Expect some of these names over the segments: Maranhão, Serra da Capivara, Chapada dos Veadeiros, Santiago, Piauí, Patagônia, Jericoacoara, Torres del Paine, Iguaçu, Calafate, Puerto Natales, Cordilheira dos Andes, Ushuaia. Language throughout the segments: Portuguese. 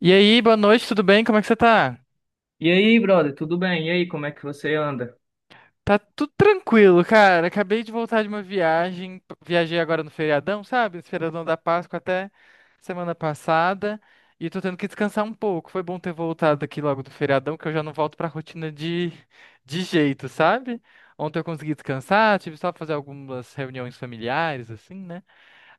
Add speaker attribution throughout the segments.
Speaker 1: E aí, boa noite, tudo bem? Como é que você tá?
Speaker 2: E aí, brother, tudo bem? E aí, como é que você anda?
Speaker 1: Tá tudo tranquilo, cara. Acabei de voltar de uma viagem. Viajei agora no feriadão, sabe? Esse feriadão da Páscoa até semana passada. E tô tendo que descansar um pouco. Foi bom ter voltado aqui logo do feriadão, que eu já não volto pra rotina de jeito, sabe? Ontem eu consegui descansar, tive só pra fazer algumas reuniões familiares, assim, né?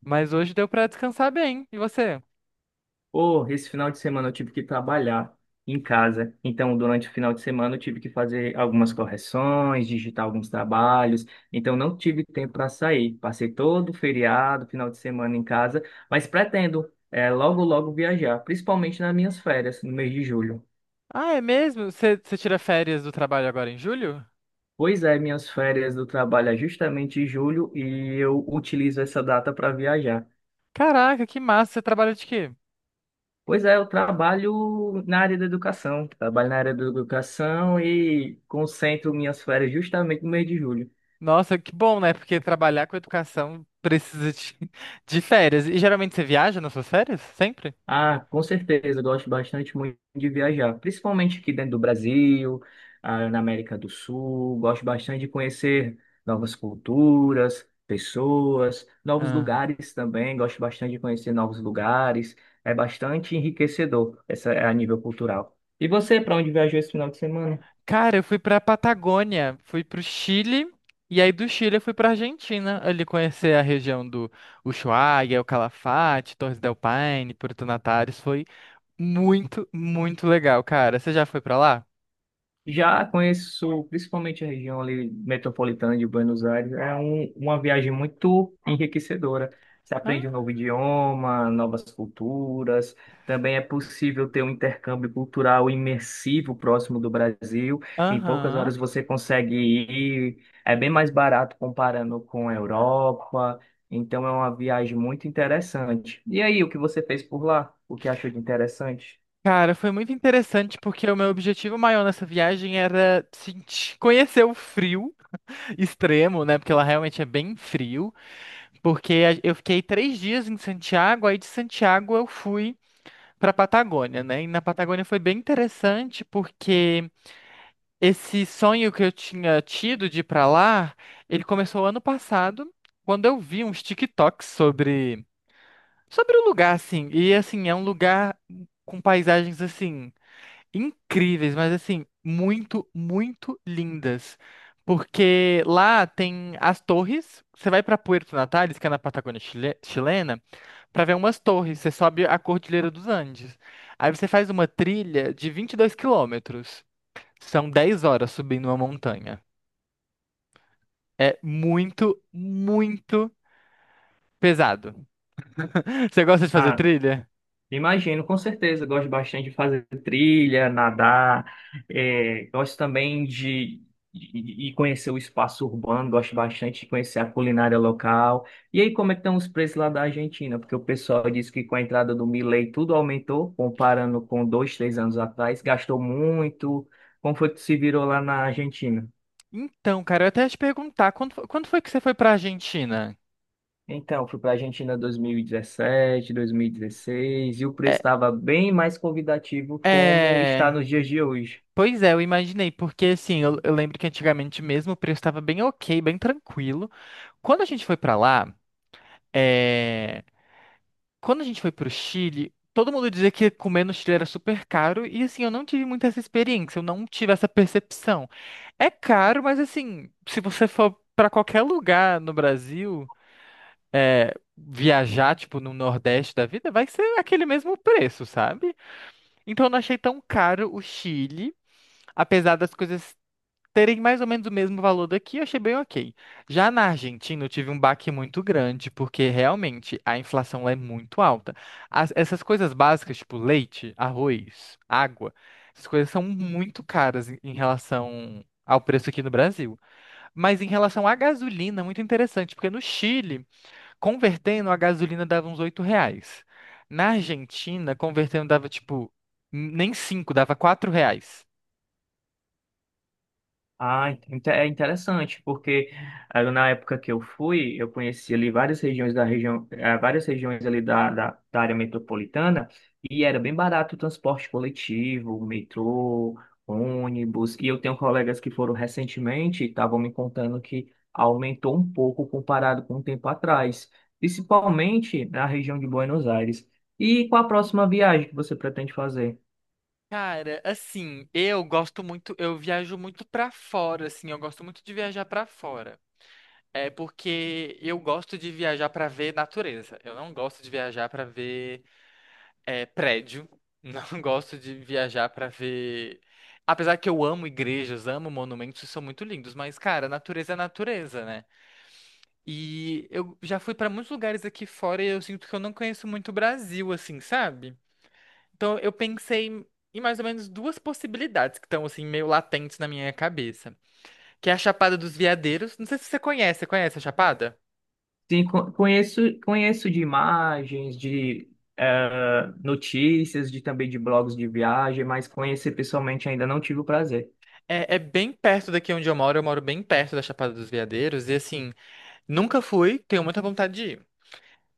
Speaker 1: Mas hoje deu pra descansar bem. E você?
Speaker 2: Pô, esse final de semana eu tive que trabalhar em casa. Então, durante o final de semana eu tive que fazer algumas correções, digitar alguns trabalhos. Então, não tive tempo para sair. Passei todo o feriado, final de semana em casa, mas pretendo logo, logo viajar, principalmente nas minhas férias, no mês de julho.
Speaker 1: Ah, é mesmo? Você tira férias do trabalho agora em julho?
Speaker 2: Pois é, minhas férias do trabalho é justamente em julho e eu utilizo essa data para viajar.
Speaker 1: Caraca, que massa! Você trabalha de quê?
Speaker 2: Pois é, eu trabalho na área da educação. Trabalho na área da educação e concentro minhas férias justamente no mês de julho.
Speaker 1: Nossa, que bom, né? Porque trabalhar com educação precisa de, de férias. E geralmente você viaja nas suas férias? Sempre?
Speaker 2: Ah, com certeza, eu gosto bastante muito de viajar, principalmente aqui dentro do Brasil, na América do Sul. Gosto bastante de conhecer novas culturas, pessoas, novos
Speaker 1: Ah.
Speaker 2: lugares também. Gosto bastante de conhecer novos lugares. É bastante enriquecedor essa, a nível cultural. E você, para onde viajou esse final de semana?
Speaker 1: Cara, eu fui pra Patagônia, fui pro Chile, e aí do Chile eu fui pra Argentina, ali conhecer a região do Ushuaia, o Calafate, Torres del Paine, Puerto Natales. Foi muito, muito legal, cara. Você já foi pra lá?
Speaker 2: Já conheço principalmente a região ali metropolitana de Buenos Aires. Uma viagem muito enriquecedora. Você
Speaker 1: Hã?
Speaker 2: aprende um novo idioma, novas culturas. Também é possível ter um intercâmbio cultural imersivo próximo do Brasil. Em poucas
Speaker 1: Aham.
Speaker 2: horas você consegue ir. É bem mais barato comparando com a Europa. Então é uma viagem muito interessante. E aí, o que você fez por lá? O que achou de interessante?
Speaker 1: Cara, foi muito interessante porque o meu objetivo maior nessa viagem era sentir, conhecer o frio extremo, né? Porque lá realmente é bem frio. Eu fiquei 3 dias em Santiago, aí de Santiago eu fui para Patagônia, né? E na Patagônia foi bem interessante porque esse sonho que eu tinha tido de ir para lá, ele começou ano passado, quando eu vi uns TikToks sobre o lugar, assim. E assim é um lugar com paisagens assim incríveis, mas assim, muito, muito lindas. Porque lá tem as torres. Você vai para Puerto Natales, que é na Patagônia chilena, para ver umas torres. Você sobe a Cordilheira dos Andes. Aí você faz uma trilha de 22 quilômetros. São 10 horas subindo uma montanha. É muito, muito pesado. Você gosta de fazer
Speaker 2: Ah,
Speaker 1: trilha?
Speaker 2: imagino, com certeza. Eu gosto bastante de fazer trilha, nadar. Gosto também de conhecer o espaço urbano. Gosto bastante de conhecer a culinária local. E aí, como é que estão os preços lá da Argentina? Porque o pessoal disse que com a entrada do Milei tudo aumentou, comparando com dois, três anos atrás. Gastou muito. Como foi que se virou lá na Argentina?
Speaker 1: Então, cara, eu até ia te perguntar, quando foi que você foi para Argentina?
Speaker 2: Então, fui para a Argentina em 2017, 2016. E o preço
Speaker 1: É,
Speaker 2: estava bem mais convidativo como está
Speaker 1: é.
Speaker 2: nos dias de hoje.
Speaker 1: Pois é, eu imaginei, porque assim, eu lembro que antigamente mesmo o preço estava bem ok, bem tranquilo. Quando a gente foi pra lá, é, quando a gente foi pro Chile, todo mundo dizia que comer no Chile era super caro, e assim, eu não tive muita essa experiência, eu não tive essa percepção. É caro, mas assim, se você for pra qualquer lugar no Brasil, viajar, tipo, no Nordeste da vida, vai ser aquele mesmo preço, sabe? Então eu não achei tão caro o Chile. Apesar das coisas terem mais ou menos o mesmo valor daqui, eu achei bem ok. Já na Argentina, eu tive um baque muito grande, porque realmente a inflação lá é muito alta. Essas coisas básicas, tipo leite, arroz, água, essas coisas são muito caras em relação ao preço aqui no Brasil. Mas em relação à gasolina, é muito interessante, porque no Chile, convertendo, a gasolina dava uns 8 reais. Na Argentina, convertendo dava tipo, nem 5, dava 4 reais.
Speaker 2: Ah, é interessante, porque na época que eu fui, eu conheci ali várias regiões da região, várias regiões ali da área metropolitana, e era bem barato o transporte coletivo, metrô, ônibus, e eu tenho colegas que foram recentemente e estavam me contando que aumentou um pouco comparado com um tempo atrás, principalmente na região de Buenos Aires. E qual a próxima viagem que você pretende fazer?
Speaker 1: Cara, assim, eu gosto muito, eu viajo muito pra fora, assim, eu gosto muito de viajar pra fora. É porque eu gosto de viajar pra ver natureza. Eu não gosto de viajar pra ver é, prédio. Não gosto de viajar pra ver. Apesar que eu amo igrejas, amo monumentos, e são muito lindos, mas, cara, natureza é natureza, né? E eu já fui pra muitos lugares aqui fora e eu sinto que eu não conheço muito o Brasil, assim, sabe? Então eu pensei em mais ou menos duas possibilidades que estão assim meio latentes na minha cabeça, que é a Chapada dos Veadeiros. Não sei se você conhece, você conhece a Chapada?
Speaker 2: Sim, conheço, conheço de imagens, de notícias, de também de blogs de viagem, mas conhecer pessoalmente ainda não tive o prazer.
Speaker 1: É, é bem perto daqui onde eu moro bem perto da Chapada dos Veadeiros e assim, nunca fui, tenho muita vontade de ir.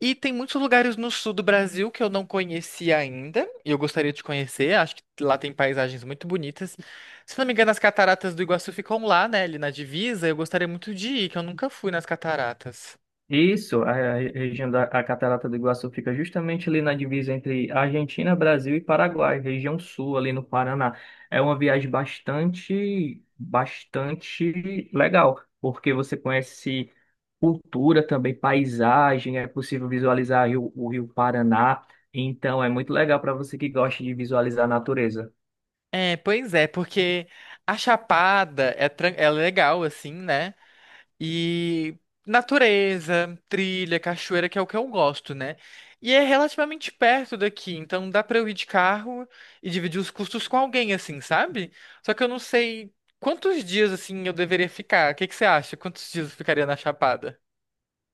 Speaker 1: E tem muitos lugares no sul do Brasil que eu não conheci ainda, e eu gostaria de conhecer, acho que lá tem paisagens muito bonitas. Se não me engano, as cataratas do Iguaçu ficam lá, né, ali na divisa, eu gostaria muito de ir, que eu nunca fui nas cataratas.
Speaker 2: Isso, a região da a Catarata do Iguaçu fica justamente ali na divisa entre Argentina, Brasil e Paraguai, região sul, ali no Paraná. É uma viagem bastante, bastante legal, porque você conhece cultura também, paisagem, é possível visualizar o Rio Paraná, então é muito legal para você que gosta de visualizar a natureza.
Speaker 1: É, pois é, porque a Chapada é, é legal, assim, né? E natureza, trilha, cachoeira, que é o que eu gosto, né? E é relativamente perto daqui, então dá pra eu ir de carro e dividir os custos com alguém, assim, sabe? Só que eu não sei quantos dias, assim, eu deveria ficar. O que que você acha? Quantos dias eu ficaria na Chapada?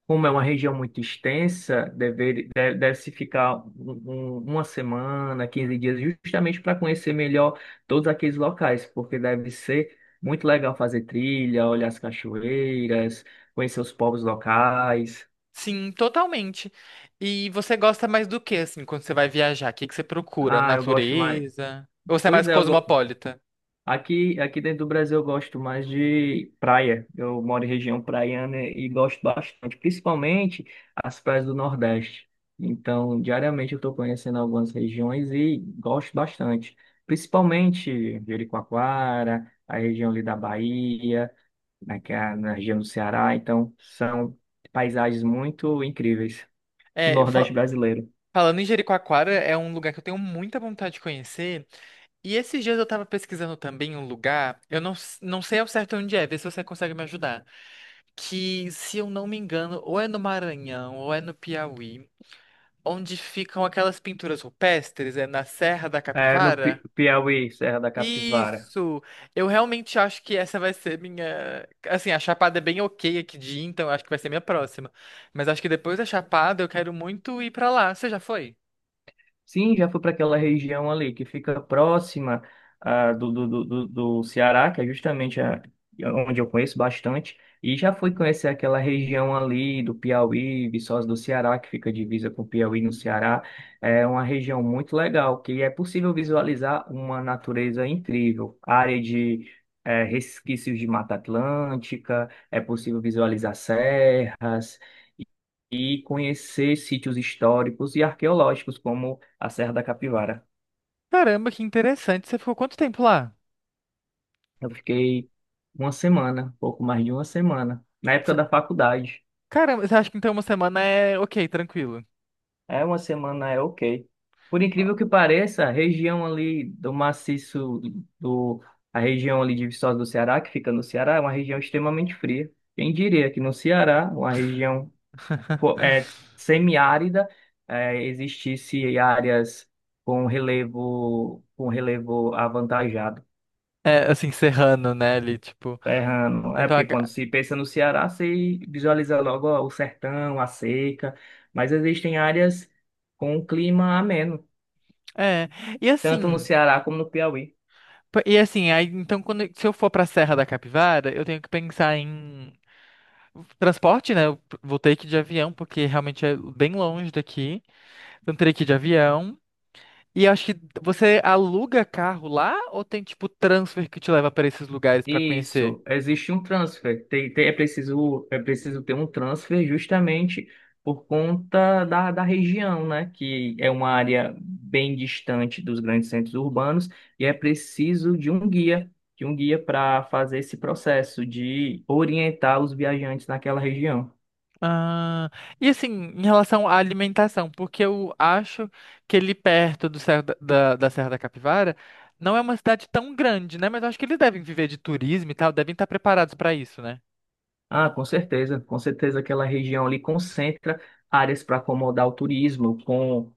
Speaker 2: Como é uma região muito extensa, deve-se ficar uma semana, 15 dias, justamente para conhecer melhor todos aqueles locais, porque deve ser muito legal fazer trilha, olhar as cachoeiras, conhecer os povos locais.
Speaker 1: Sim, totalmente. E você gosta mais do que, assim, quando você vai viajar? O que que você procura?
Speaker 2: Ah, eu gosto mais.
Speaker 1: Natureza? Ou você é
Speaker 2: Pois
Speaker 1: mais
Speaker 2: é,
Speaker 1: cosmopolita?
Speaker 2: aqui dentro do Brasil eu gosto mais de praia. Eu moro em região praiana e gosto bastante, principalmente as praias do Nordeste. Então, diariamente eu estou conhecendo algumas regiões e gosto bastante. Principalmente Jericoacoara, a região ali da Bahia, na, que é na região do Ceará. Então, são paisagens muito incríveis do
Speaker 1: É,
Speaker 2: Nordeste brasileiro.
Speaker 1: falando em Jericoacoara, é um lugar que eu tenho muita vontade de conhecer. E esses dias eu tava pesquisando também um lugar, eu não, não sei ao certo onde é, vê se você consegue me ajudar. Que, se eu não me engano, ou é no Maranhão, ou é no Piauí, onde ficam aquelas pinturas rupestres, é na Serra da
Speaker 2: É, no
Speaker 1: Capivara.
Speaker 2: Piauí, Serra da Capivara.
Speaker 1: Isso! Eu realmente acho que essa vai ser minha. Assim, a Chapada é bem ok aqui de ir, então eu acho que vai ser minha próxima. Mas acho que depois da Chapada eu quero muito ir pra lá. Você já foi?
Speaker 2: Sim, já fui para aquela região ali que fica próxima do Ceará, que é justamente a, onde eu conheço bastante, e já fui conhecer aquela região ali do Piauí, Viçosa do Ceará, que fica divisa com o Piauí no Ceará. É uma região muito legal, que é possível visualizar uma natureza incrível, área de resquícios de Mata Atlântica, é possível visualizar serras e conhecer sítios históricos e arqueológicos, como a Serra da Capivara.
Speaker 1: Caramba, que interessante. Você ficou quanto tempo lá?
Speaker 2: Eu fiquei uma semana, pouco mais de uma semana, na época
Speaker 1: Cê-
Speaker 2: da faculdade.
Speaker 1: Caramba, você acha que então uma semana é ok, tranquilo.
Speaker 2: É, uma semana é ok. Por
Speaker 1: Ó,
Speaker 2: incrível que pareça, do a região ali de Viçosa do Ceará, que fica no Ceará, é uma região extremamente fria. Quem diria que no Ceará, uma região semiárida, existisse áreas com relevo avantajado.
Speaker 1: É, assim, serrano, né, ali, tipo.
Speaker 2: Tá errando. É
Speaker 1: Então,
Speaker 2: porque quando se pensa no Ceará, se visualiza logo ó, o sertão, a seca, mas existem áreas com um clima ameno,
Speaker 1: é. E
Speaker 2: tanto no
Speaker 1: assim,
Speaker 2: Ceará como no Piauí.
Speaker 1: e assim, aí, então, quando, se eu for pra Serra da Capivara, eu tenho que pensar em transporte, né? Vou ter que ir de avião, porque realmente é bem longe daqui. Então, teria que ir de avião. E eu acho que você aluga carro lá ou tem, tipo, transfer que te leva pra esses lugares pra conhecer?
Speaker 2: Isso, existe um transfer. É preciso, é preciso ter um transfer justamente por conta da região, né? Que é uma área bem distante dos grandes centros urbanos e é preciso de um guia para fazer esse processo de orientar os viajantes naquela região.
Speaker 1: Ah, e assim, em relação à alimentação, porque eu acho que ele perto do Serra da Serra da Capivara não é uma cidade tão grande, né? Mas eu acho que eles devem viver de turismo e tal, devem estar preparados pra isso, né?
Speaker 2: Ah, com certeza aquela região ali concentra áreas para acomodar o turismo, com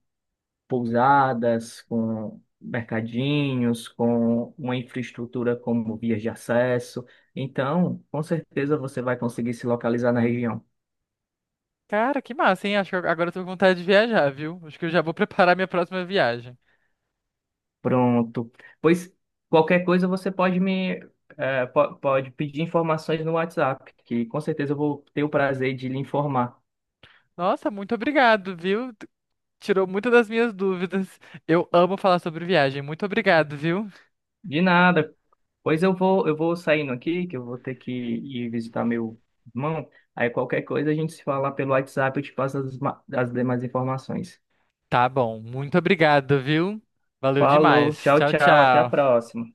Speaker 2: pousadas, com mercadinhos, com uma infraestrutura como vias de acesso. Então, com certeza você vai conseguir se localizar na região.
Speaker 1: Cara, que massa, hein? Acho que agora eu tô com vontade de viajar, viu? Acho que eu já vou preparar minha próxima viagem.
Speaker 2: Pronto. Pois qualquer coisa você pode me pode pedir informações no WhatsApp, que com certeza eu vou ter o prazer de lhe informar.
Speaker 1: Nossa, muito obrigado, viu? Tirou muitas das minhas dúvidas. Eu amo falar sobre viagem. Muito obrigado, viu?
Speaker 2: De nada. Pois eu vou saindo aqui, que eu vou ter que ir visitar meu irmão. Aí qualquer coisa a gente se fala pelo WhatsApp, eu te passo as demais informações.
Speaker 1: Tá bom, muito obrigado, viu? Valeu
Speaker 2: Falou,
Speaker 1: demais.
Speaker 2: tchau,
Speaker 1: Tchau,
Speaker 2: tchau, até a
Speaker 1: tchau.
Speaker 2: próxima.